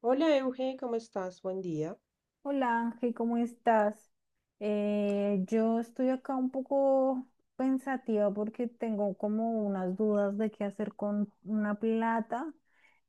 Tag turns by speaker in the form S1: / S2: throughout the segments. S1: Hola Euge, ¿cómo estás? Buen día.
S2: Hola Ángel, ¿cómo estás? Yo estoy acá un poco pensativa porque tengo como unas dudas de qué hacer con una plata.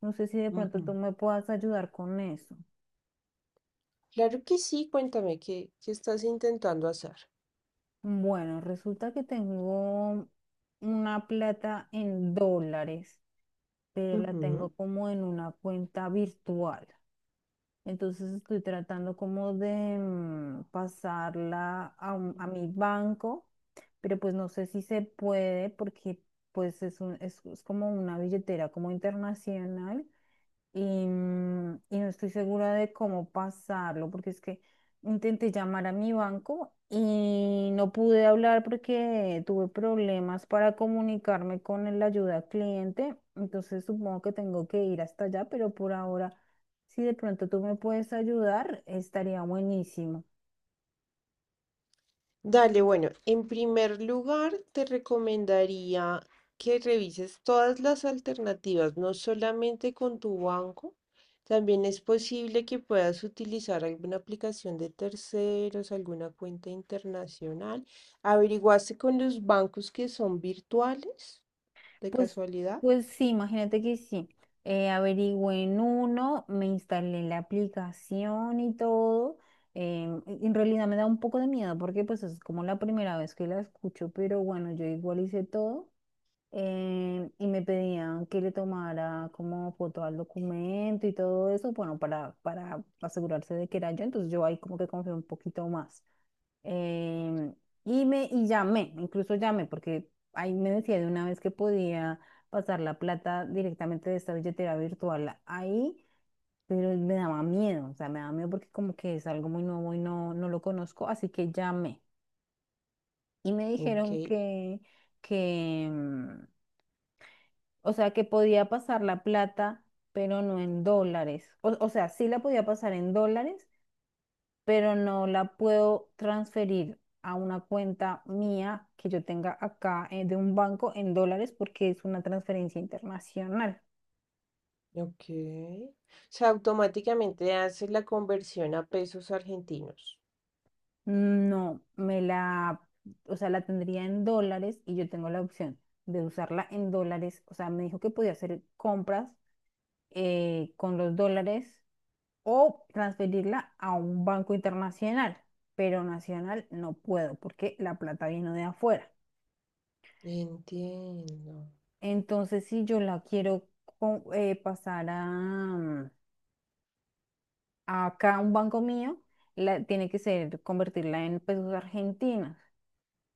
S2: No sé si de pronto
S1: Ujú.
S2: tú me puedas ayudar con eso.
S1: Claro que sí, cuéntame qué estás intentando hacer.
S2: Bueno, resulta que tengo una plata en dólares, pero la tengo
S1: Ujú.
S2: como en una cuenta virtual. Entonces estoy tratando como de pasarla a, a mi banco, pero pues no sé si se puede porque pues es, es como una billetera como internacional y, y no estoy segura de cómo pasarlo, porque es que intenté llamar a mi banco y no pude hablar porque tuve problemas para comunicarme con el ayuda al cliente, entonces supongo que tengo que ir hasta allá, pero por ahora, si de pronto tú me puedes ayudar, estaría buenísimo.
S1: Dale, bueno, en primer lugar te recomendaría que revises todas las alternativas, no solamente con tu banco, también es posible que puedas utilizar alguna aplicación de terceros, alguna cuenta internacional. ¿Averiguaste con los bancos que son virtuales, de
S2: Pues,
S1: casualidad?
S2: pues sí, imagínate que sí. Averigüé en uno, me instalé la aplicación y todo. En realidad me da un poco de miedo porque pues es como la primera vez que la escucho, pero bueno, yo igual hice todo. Y me pedían que le tomara como foto al documento y todo eso, bueno, para asegurarse de que era yo. Entonces yo ahí como que confié un poquito más. Em, y me y llamé, incluso llamé, porque ahí me decía de una vez que podía pasar la plata directamente de esta billetera virtual ahí, pero me daba miedo, o sea, me daba miedo porque como que es algo muy nuevo y no, no lo conozco, así que llamé. Y me
S1: Ok.
S2: dijeron que, o sea, que podía pasar la plata, pero no en dólares. O sea, sí la podía pasar en dólares, pero no la puedo transferir a una cuenta mía que yo tenga acá de un banco en dólares porque es una transferencia internacional.
S1: Ok. O sea, automáticamente hace la conversión a pesos argentinos.
S2: No, me la, o sea, la tendría en dólares y yo tengo la opción de usarla en dólares. O sea, me dijo que podía hacer compras con los dólares o transferirla a un banco internacional, pero nacional no puedo porque la plata vino de afuera.
S1: Entiendo.
S2: Entonces, si yo la quiero pasar a acá, a un banco mío, la, tiene que ser convertirla en pesos argentinos.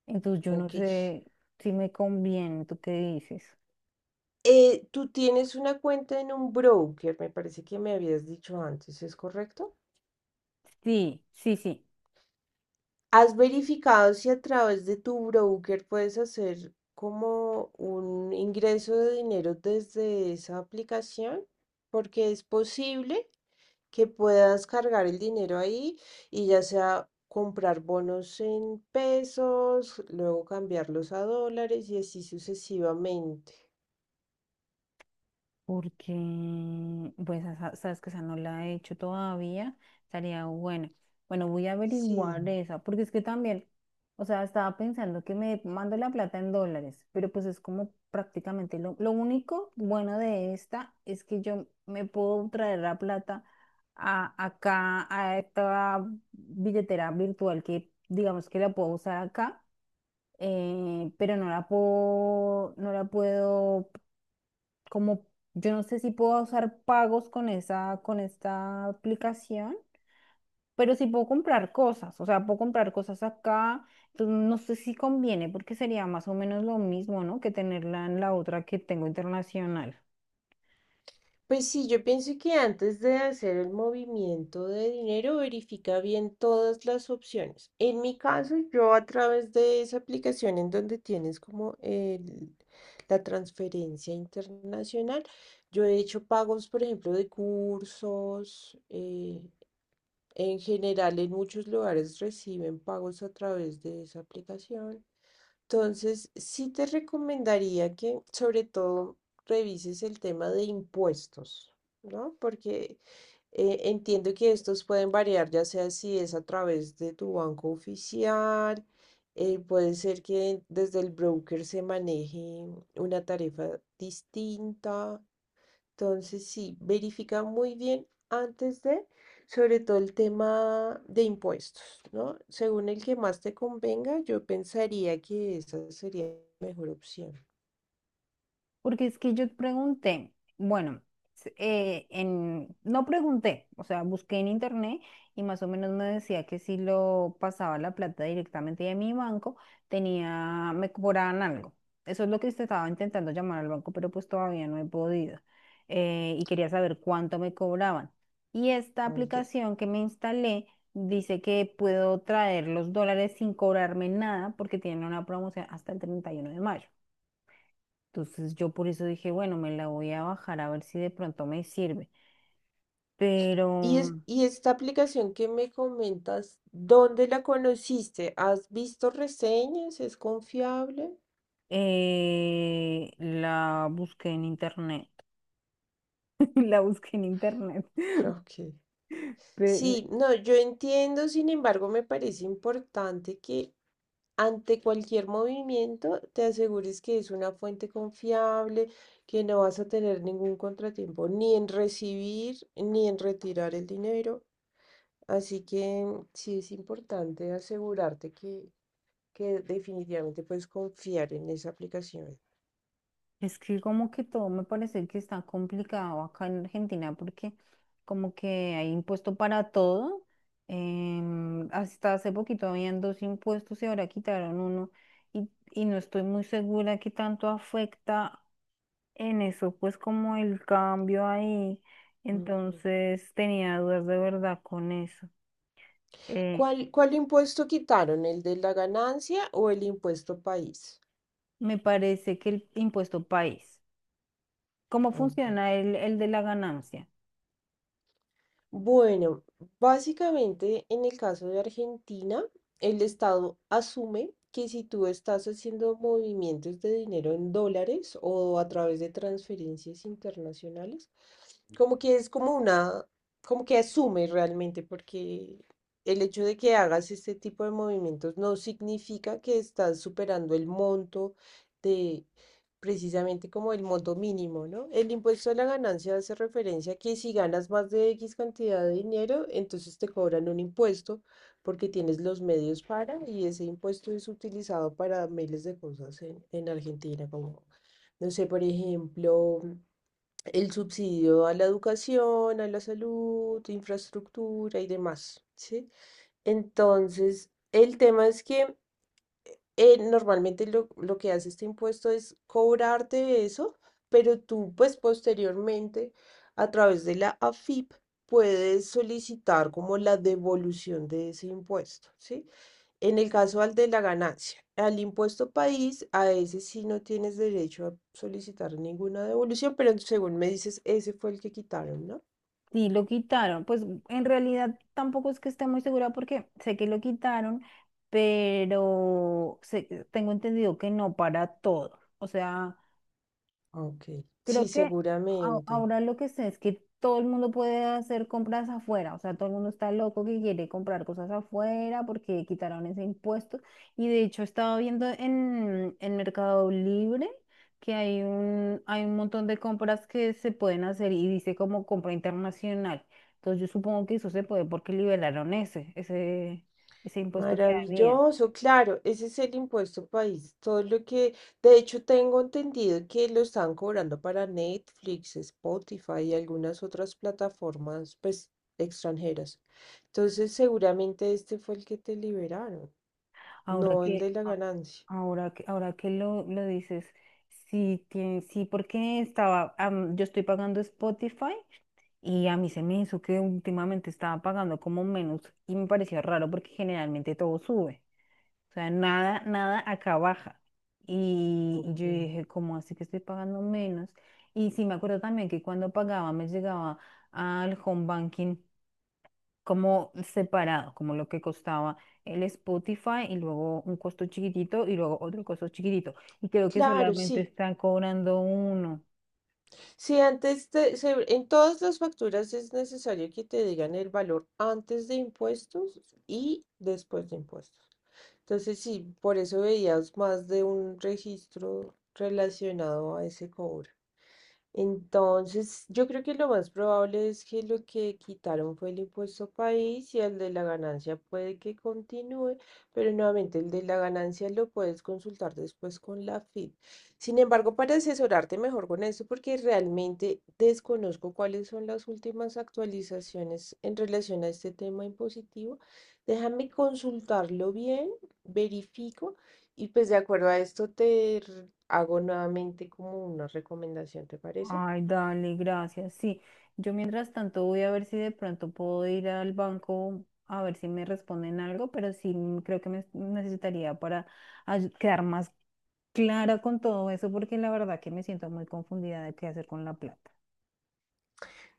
S2: Entonces, yo no
S1: Ok.
S2: sé si me conviene, ¿tú qué dices?
S1: Tú tienes una cuenta en un broker, me parece que me habías dicho antes, ¿es correcto?
S2: Sí, sí, sí.
S1: ¿Has verificado si a través de tu broker puedes hacer como un ingreso de dinero desde esa aplicación? Porque es posible que puedas cargar el dinero ahí y ya sea comprar bonos en pesos, luego cambiarlos a dólares y así sucesivamente.
S2: Porque, pues, sabes que esa no la he hecho todavía, estaría buena. Bueno, voy a
S1: Sí.
S2: averiguar esa, porque es que también, o sea, estaba pensando que me mando la plata en dólares, pero pues es como prácticamente lo único bueno de esta es que yo me puedo traer la plata a, acá, a esta billetera virtual que digamos que la puedo usar acá pero no la puedo, no la puedo, como, yo no sé si puedo usar pagos con esa, con esta aplicación. Pero sí puedo comprar cosas, o sea, puedo comprar cosas acá, entonces no sé si conviene porque sería más o menos lo mismo, ¿no? Que tenerla en la otra que tengo internacional.
S1: Pues sí, yo pienso que antes de hacer el movimiento de dinero, verifica bien todas las opciones. En mi caso, yo a través de esa aplicación en donde tienes como el- la transferencia internacional, yo he hecho pagos, por ejemplo, de cursos, en general, en muchos lugares reciben pagos a través de esa aplicación. Entonces, sí te recomendaría que sobre todo revises el tema de impuestos, ¿no? Porque entiendo que estos pueden variar, ya sea si es a través de tu banco oficial, puede ser que desde el broker se maneje una tarifa distinta. Entonces, sí, verifica muy bien antes de, sobre todo el tema de impuestos, ¿no? Según el que más te convenga, yo pensaría que esa sería la mejor opción.
S2: Porque es que yo pregunté, bueno, no pregunté, o sea, busqué en internet y más o menos me decía que si lo pasaba la plata directamente de mi banco, tenía, me cobraban algo. Eso es lo que usted estaba intentando llamar al banco, pero pues todavía no he podido. Y quería saber cuánto me cobraban. Y esta
S1: Ok.
S2: aplicación que me instalé dice que puedo traer los dólares sin cobrarme nada porque tienen una promoción hasta el 31 de mayo. Entonces yo por eso dije, bueno, me la voy a bajar a ver si de pronto me sirve. Pero
S1: Y esta aplicación que me comentas, ¿dónde la conociste? ¿Has visto reseñas? ¿Es confiable?
S2: la busqué en internet. La busqué en internet.
S1: Ok.
S2: Pe-
S1: Sí, no, yo entiendo, sin embargo, me parece importante que ante cualquier movimiento te asegures que es una fuente confiable, que no vas a tener ningún contratiempo, ni en recibir ni en retirar el dinero. Así que sí es importante asegurarte que definitivamente puedes confiar en esa aplicación.
S2: Es que como que todo me parece que está complicado acá en Argentina porque como que hay impuesto para todo. Hasta hace poquito habían dos impuestos y ahora quitaron uno y no estoy muy segura qué tanto afecta en eso, pues como el cambio ahí,
S1: Ujú.
S2: entonces tenía dudas de verdad con eso. Eh,
S1: ¿Cuál impuesto quitaron? ¿El de la ganancia o el impuesto país?
S2: Me parece que el impuesto país, ¿cómo
S1: Ok.
S2: funciona el de la ganancia?
S1: Bueno, básicamente en el caso de Argentina, el Estado asume que si tú estás haciendo movimientos de dinero en dólares o a través de transferencias internacionales, como que es como una, como que asume realmente, porque el hecho de que hagas este tipo de movimientos no significa que estás superando el monto precisamente como el monto mínimo, ¿no? El impuesto a la ganancia hace referencia a que si ganas más de X cantidad de dinero, entonces te cobran un impuesto porque tienes los medios para y ese impuesto es utilizado para miles de cosas en Argentina, como, no sé, por ejemplo, el subsidio a la educación, a la salud, infraestructura y demás, ¿sí? Entonces, el tema es que normalmente lo que hace este impuesto es cobrarte eso, pero tú pues posteriormente a través de la AFIP puedes solicitar como la devolución de ese impuesto, ¿sí? En el caso al de la ganancia, al impuesto país, a ese sí no tienes derecho a solicitar ninguna devolución, pero según me dices, ese fue el que quitaron, ¿no?
S2: Sí, lo quitaron, pues en realidad tampoco es que esté muy segura porque sé que lo quitaron, pero tengo entendido que no para todo. O sea,
S1: Ok.
S2: creo
S1: Sí,
S2: que
S1: seguramente.
S2: ahora lo que sé es que todo el mundo puede hacer compras afuera, o sea, todo el mundo está loco que quiere comprar cosas afuera porque quitaron ese impuesto. Y de hecho estaba viendo en Mercado Libre que hay un montón de compras que se pueden hacer y dice como compra internacional. Entonces yo supongo que eso se puede porque liberaron ese, ese, ese impuesto que había.
S1: Maravilloso, claro, ese es el impuesto país. Todo lo que, de hecho, tengo entendido que lo están cobrando para Netflix, Spotify y algunas otras plataformas, pues, extranjeras. Entonces, seguramente este fue el que te liberaron,
S2: Ahora
S1: no el
S2: que,
S1: de la ganancia.
S2: Ahora que lo dices, sí, tiene sí, porque estaba, yo estoy pagando Spotify y a mí se me hizo que últimamente estaba pagando como menos y me pareció raro porque generalmente todo sube. O sea, nada, nada acá baja. Y
S1: Ok.
S2: yo dije, ¿cómo así que estoy pagando menos? Y sí me acuerdo también que cuando pagaba me llegaba al home banking como separado, como lo que costaba el Spotify y luego un costo chiquitito y luego otro costo chiquitito. Y creo que
S1: Claro,
S2: solamente
S1: sí.
S2: están cobrando uno.
S1: Si antes te- se- en todas las facturas es necesario que te digan el valor antes de impuestos y después de impuestos. Entonces, sí, por eso veías más de un registro relacionado a ese cobro. Entonces, yo creo que lo más probable es que lo que quitaron fue el impuesto país y el de la ganancia puede que continúe, pero nuevamente el de la ganancia lo puedes consultar después con la FIP. Sin embargo, para asesorarte mejor con esto, porque realmente desconozco cuáles son las últimas actualizaciones en relación a este tema impositivo, déjame consultarlo bien, verifico. Y pues de acuerdo a esto te r- hago nuevamente como una recomendación, ¿te parece?
S2: Ay, dale, gracias. Sí, yo mientras tanto voy a ver si de pronto puedo ir al banco a ver si me responden algo, pero sí creo que me necesitaría para quedar más clara con todo eso, porque la verdad que me siento muy confundida de qué hacer con la plata.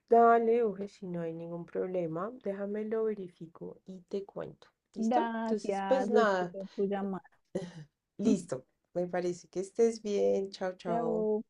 S1: Dale, Uge, si no hay ningún problema, déjame lo verifico y te cuento. ¿Listo? Entonces, pues
S2: Gracias,
S1: nada,
S2: espero tu llamada. Mm.
S1: listo. Me parece que estés bien. Chao, chao.
S2: Chao.